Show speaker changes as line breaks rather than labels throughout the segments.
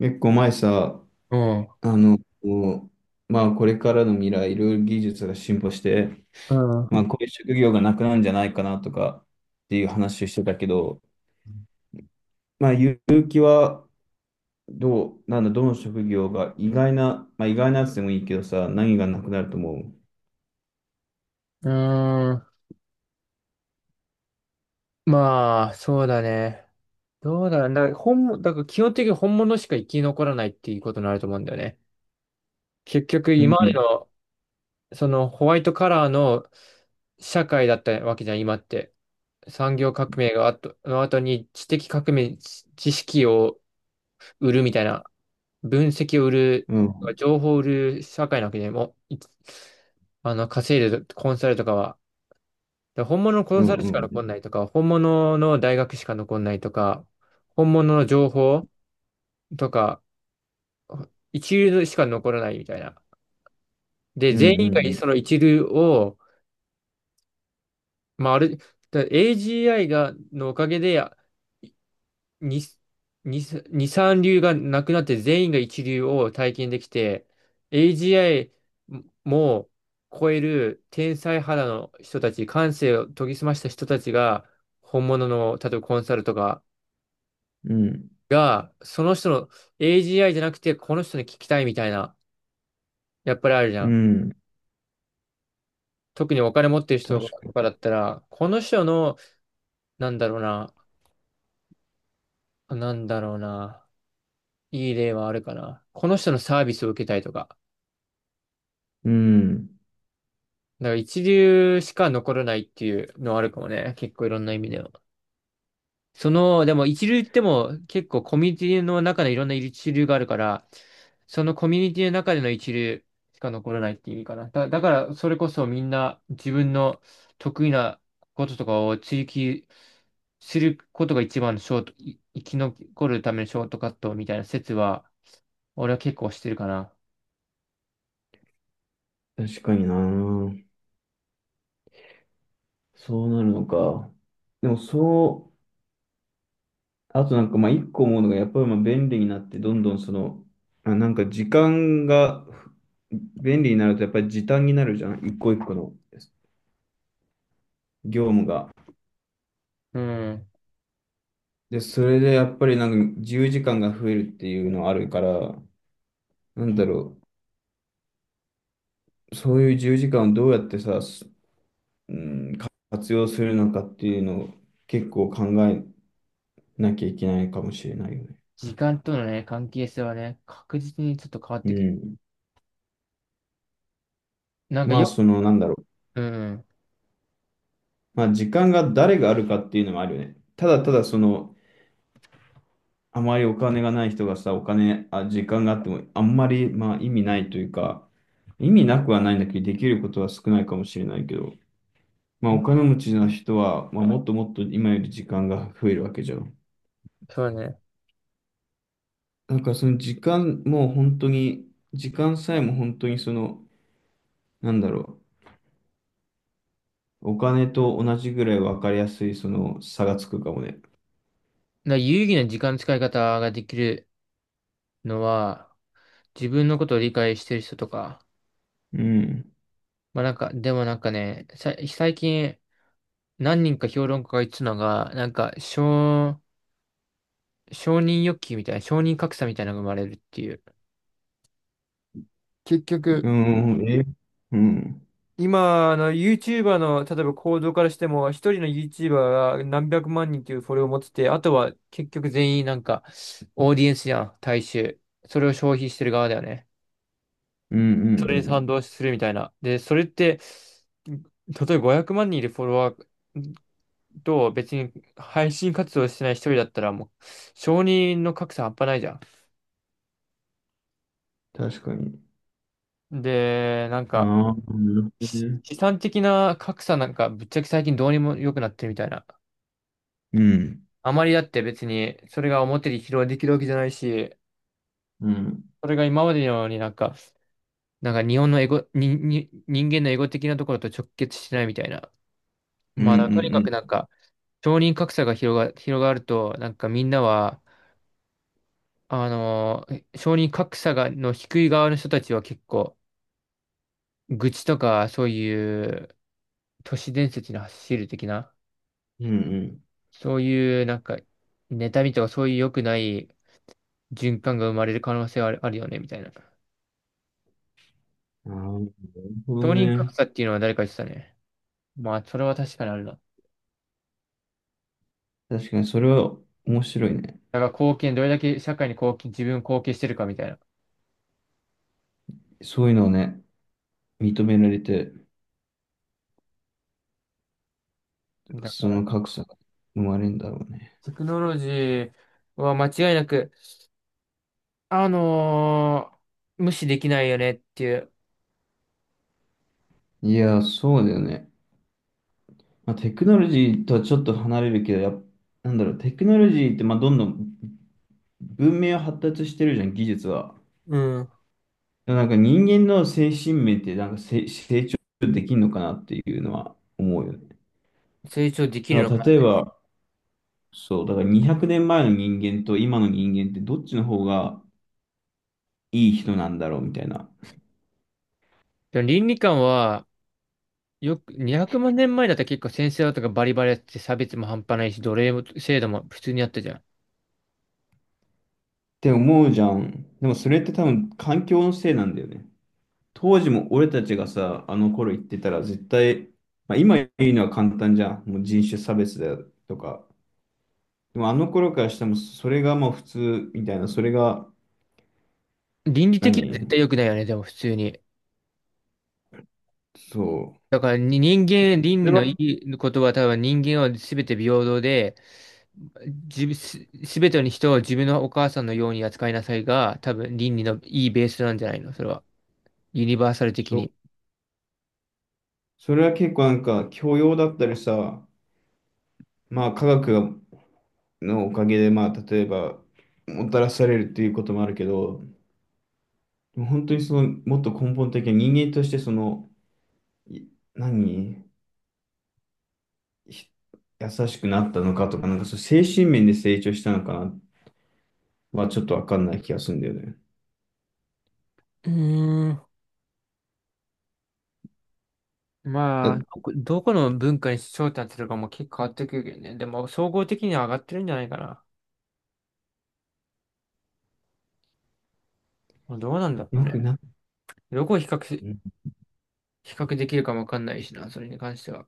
結構前さ、
うん。
あの、こまあこれからの未来、いろいろ技術が進歩して、
うん。う
まあこういう職業がなくなるんじゃないかなとかっていう話をしてたけど、まあ結城はどう、なんだ、どの職業が意外な、まあ意外なやつでもいいけどさ、何がなくなると思う？
ーん。まあ、そうだね。どうだろう。だから基本的に本物しか生き残らないっていうことになると思うんだよね。結局、
う
今まで
ん
の、そのホワイトカラーの社会だったわけじゃん、今って。産業革命がの後に知的革命、知識を売るみたいな、分析を売る、
うん
情報を売る社会なわけでもう、いあの、稼いでるコンサルとかは。だから本物のコ
う
ンサル
ん
しか
うん
残んないとか、本物の大学しか残んないとか、本物の情報とか、一流しか残らないみたいな。で、
うん
全員が
う
その
ん
一流を、まあ、ある、だ AGI のおかげで、に、に、二三流がなくなって全員が一流を体験できて、AGI も超える天才肌の人たち、感性を研ぎ澄ました人たちが、本物の、例えばコンサルとか、
うんうん
が、その人の AGI じゃなくて、この人に聞きたいみたいな、やっぱりあるじゃ
う
ん。
ん。
特にお金持ってる人
確か
と
に。
かだったら、この人の、なんだろうな、なんだろうな、いい例はあるかな。この人のサービスを受けたいとか。
うん。
だから一流しか残らないっていうのはあるかもね。結構いろんな意味では。その、でも一流っても結構コミュニティの中でいろんな一流があるから、そのコミュニティの中での一流しか残らないって意味かな。だからそれこそみんな自分の得意なこととかを追求することが一番のショート、い生き残るためのショートカットみたいな説は、俺は結構してるかな。
確かにな。そうなるのか。でもそう。あとなんかまあ一個思うのがやっぱりまあ便利になってどんどんその、あ、なんか時間が便利になるとやっぱり時短になるじゃん、一個一個の業務が。
うん。
で、それでやっぱりなんか自由時間が増えるっていうのあるから、なんだろう、そういう自由時間をどうやってさ、すうん、活用するのかっていうのを結構考えなきゃいけないかもしれないよね。
時間とのね、関係性はね、確実にちょっと変わっ
う
てくる。
ん。
なんか
まあ
よ、
そのなんだろう、
うん。
まあ時間が誰があるかっていうのもあるよね。ただただそのあまりお金がない人がさ、お金、あ、時間があっても、あんまり、まあ、意味ないというか、意味なくはないんだけど、できることは少ないかもしれないけど、まあ、お金持ちの人は、まあ、もっともっと今より時間が増えるわけじゃん。
そうね。だか
なんか、その時間も本当に、時間さえも本当にその、なんだろう、お金と同じぐらい分かりやすい、その差がつくかもね。
ら有意義な時間の使い方ができるのは、自分のことを理解してる人とか、
うん。
まあなんか、でもなんかね、さ、最近何人か評論家が言ってたのが、なんか、承認欲求みたいな、承認格差みたいなのが生まれるっていう。結局、
うん。え、うん。
今、YouTuber の、例えば行動からしても、一人の YouTuber が何百万人というフォロワーを持ってて、あとは、結局全員なんか、オーディエンスじゃん、大衆。それを消費してる側だよね。
うん。う
それに
ん。う
賛
ん。
同するみたいな。で、それって、例えば500万人いるフォロワーと別に配信活動してない一人だったらもう承認の格差半端ないじゃ
確かに。
ん。で、なん
あ
か
あ、なるほどね。
資産的な格差なんかぶっちゃけ最近どうにも良くなってるみたいな。
うん。
あまりだって別にそれが表に披露できるわけじゃないし、
うん。
それが今までのようになんか、なんか日本のエゴ、人間のエゴ的なところと直結しないみたいな。
うん
まあとにか
う
くなん
ん
か承認格差が広がると、なんかみんなは、承認格差の低い側の人たちは結構、愚痴とか、そういう都市伝説に走る的な、
うん。うん
そういうなんか、妬みとかそういう良くない循環が生まれる可能性はあるよね、みたいな。
うん。ああ、なるほど
承認格
ね。
差っていうのは誰か言ってたね。まあ、それは確かにあるな。だ
確かにそれは面白いね。
から貢献、どれだけ社会に貢献、自分貢献してるかみたいな。
そういうのをね、認められて、
だか
そ
ら、
の格差が生まれるんだろうね。
テクノロジーは間違いなく、あのー無視できないよねっていう、
いやー、そうだよね。まあ、テクノロジーとはちょっと離れるけど、なんだろう、テクノロジーってまあどんどん文明は発達してるじゃん、技術は。
うん。
でもなんか人間の精神面ってなんか成長できるのかなっていうのは思うよね。
成長できる
なん
の
か
か
例え
な。
ば、そう、だから200年前の人間と今の人間ってどっちの方がいい人なんだろうみたいな。っ
でも倫理観は、よく、200万年前だったら結構先生とかバリバリやってて差別も半端ないし、奴隷も制度も普通にあったじゃん。
て思うじゃん。でもそれって多分環境のせいなんだよね。当時も俺たちがさ、あの頃言ってたら絶対、まあ、今言うのは簡単じゃん。もう人種差別だとか。でもあの頃からしてもそれがもう普通みたいな、
倫理的には絶
何
対良くないよね、でも普通に。
そう。
だからに人間、倫
そ
理
れ
の
は、
いいことは多分人間は全て平等で、じぶす、全ての人を自分のお母さんのように扱いなさいが、多分倫理のいいベースなんじゃないのそれは。ユニバーサル的
そ
に。
う。それは結構なんか教養だったりさ、まあ科学がのおかげで、まあ、例えば、もたらされるっていうこともあるけど、でも本当にその、もっと根本的な人間として、その、い何、ひ優しくなったのかとか、なんかそう、精神面で成長したのかなは、ちょっとわかんない気がするんだよね。
うーん。
だ
まあ、どこどこの文化に焦点当てるかも結構変わってくるけどね。でも、総合的には上がってるんじゃないかな。まあどうなんだろう
よく
ね。
な、
どこを比較し、
うん
比較できるかもわかんないしな、それに関しては。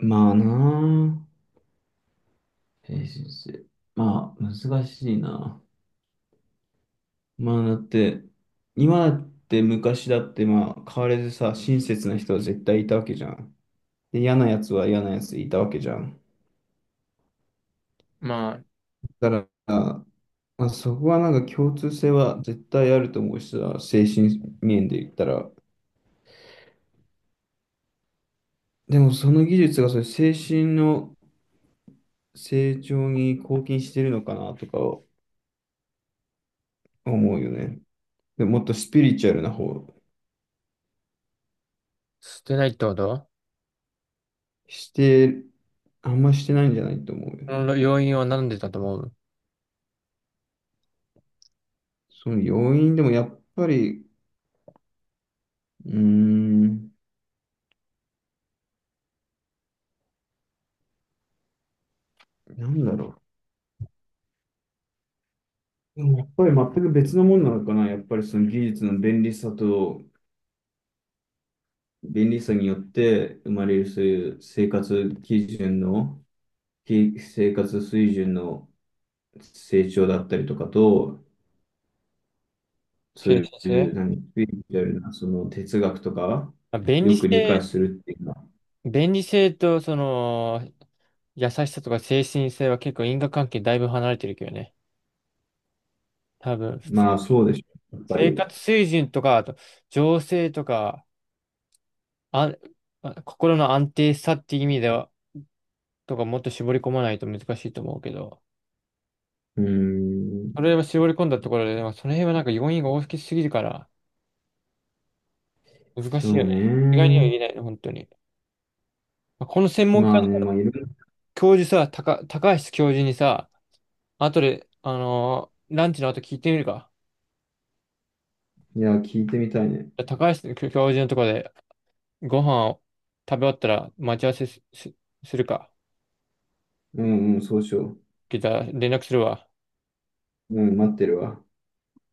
まあなあ、精神性。まあ、難しいな。まあ、だって、今だって昔だって、まあ、変わらずさ、親切な人は絶対いたわけじゃん。で、嫌なやつは嫌なやついたわけじゃん。
まあ、
だから、まあ、そこはなんか共通性は絶対あると思うしさ、精神面で言ったら。でもその技術がそういう精神の成長に貢献してるのかなとか思うよね。でもっとスピリチュアルな方、
捨てないってこと。
して、あんましてないんじゃないと思うよ
そ
ね。
の要因は何でだと思う？
その要因でもやっぱり、うーん、なんだろう。でもやっぱり全く別のものなのかな。やっぱりその技術の便利さと便利さによって生まれるそういう生活基準の、生活水準の成長だったりとかと、そ
中立
うい
性
う、スピリチュアルな、その哲学とか、
あ便利
よく理解
性、
するっていうのは、
便利性とその優しさとか精神性は結構因果関係だいぶ離れてるけどね。多分、普通、
まあそうでしょう、やっぱ
生
り。
活水準とか、あと情勢とか、あ、心の安定さっていう意味では、とかもっと絞り込まないと難しいと思うけど、
うーん、
それを絞り込んだところで、でもその辺はなんか要因が大きすぎるから、難
そ
しいよ
う
ね。意外には
ね。
言えないの、本当に。まあこの専門
ま
家
あね、
の
まあいろいろ、
教授さ、高橋教授にさ、後で、ランチの後聞いてみるか。
いや、聞いてみたいね。
高橋教授のところでご飯を食べ終わったら待ち合わせするか。
うんうん、そうしよ
聞いたら連絡するわ。
う。うん、待ってるわ。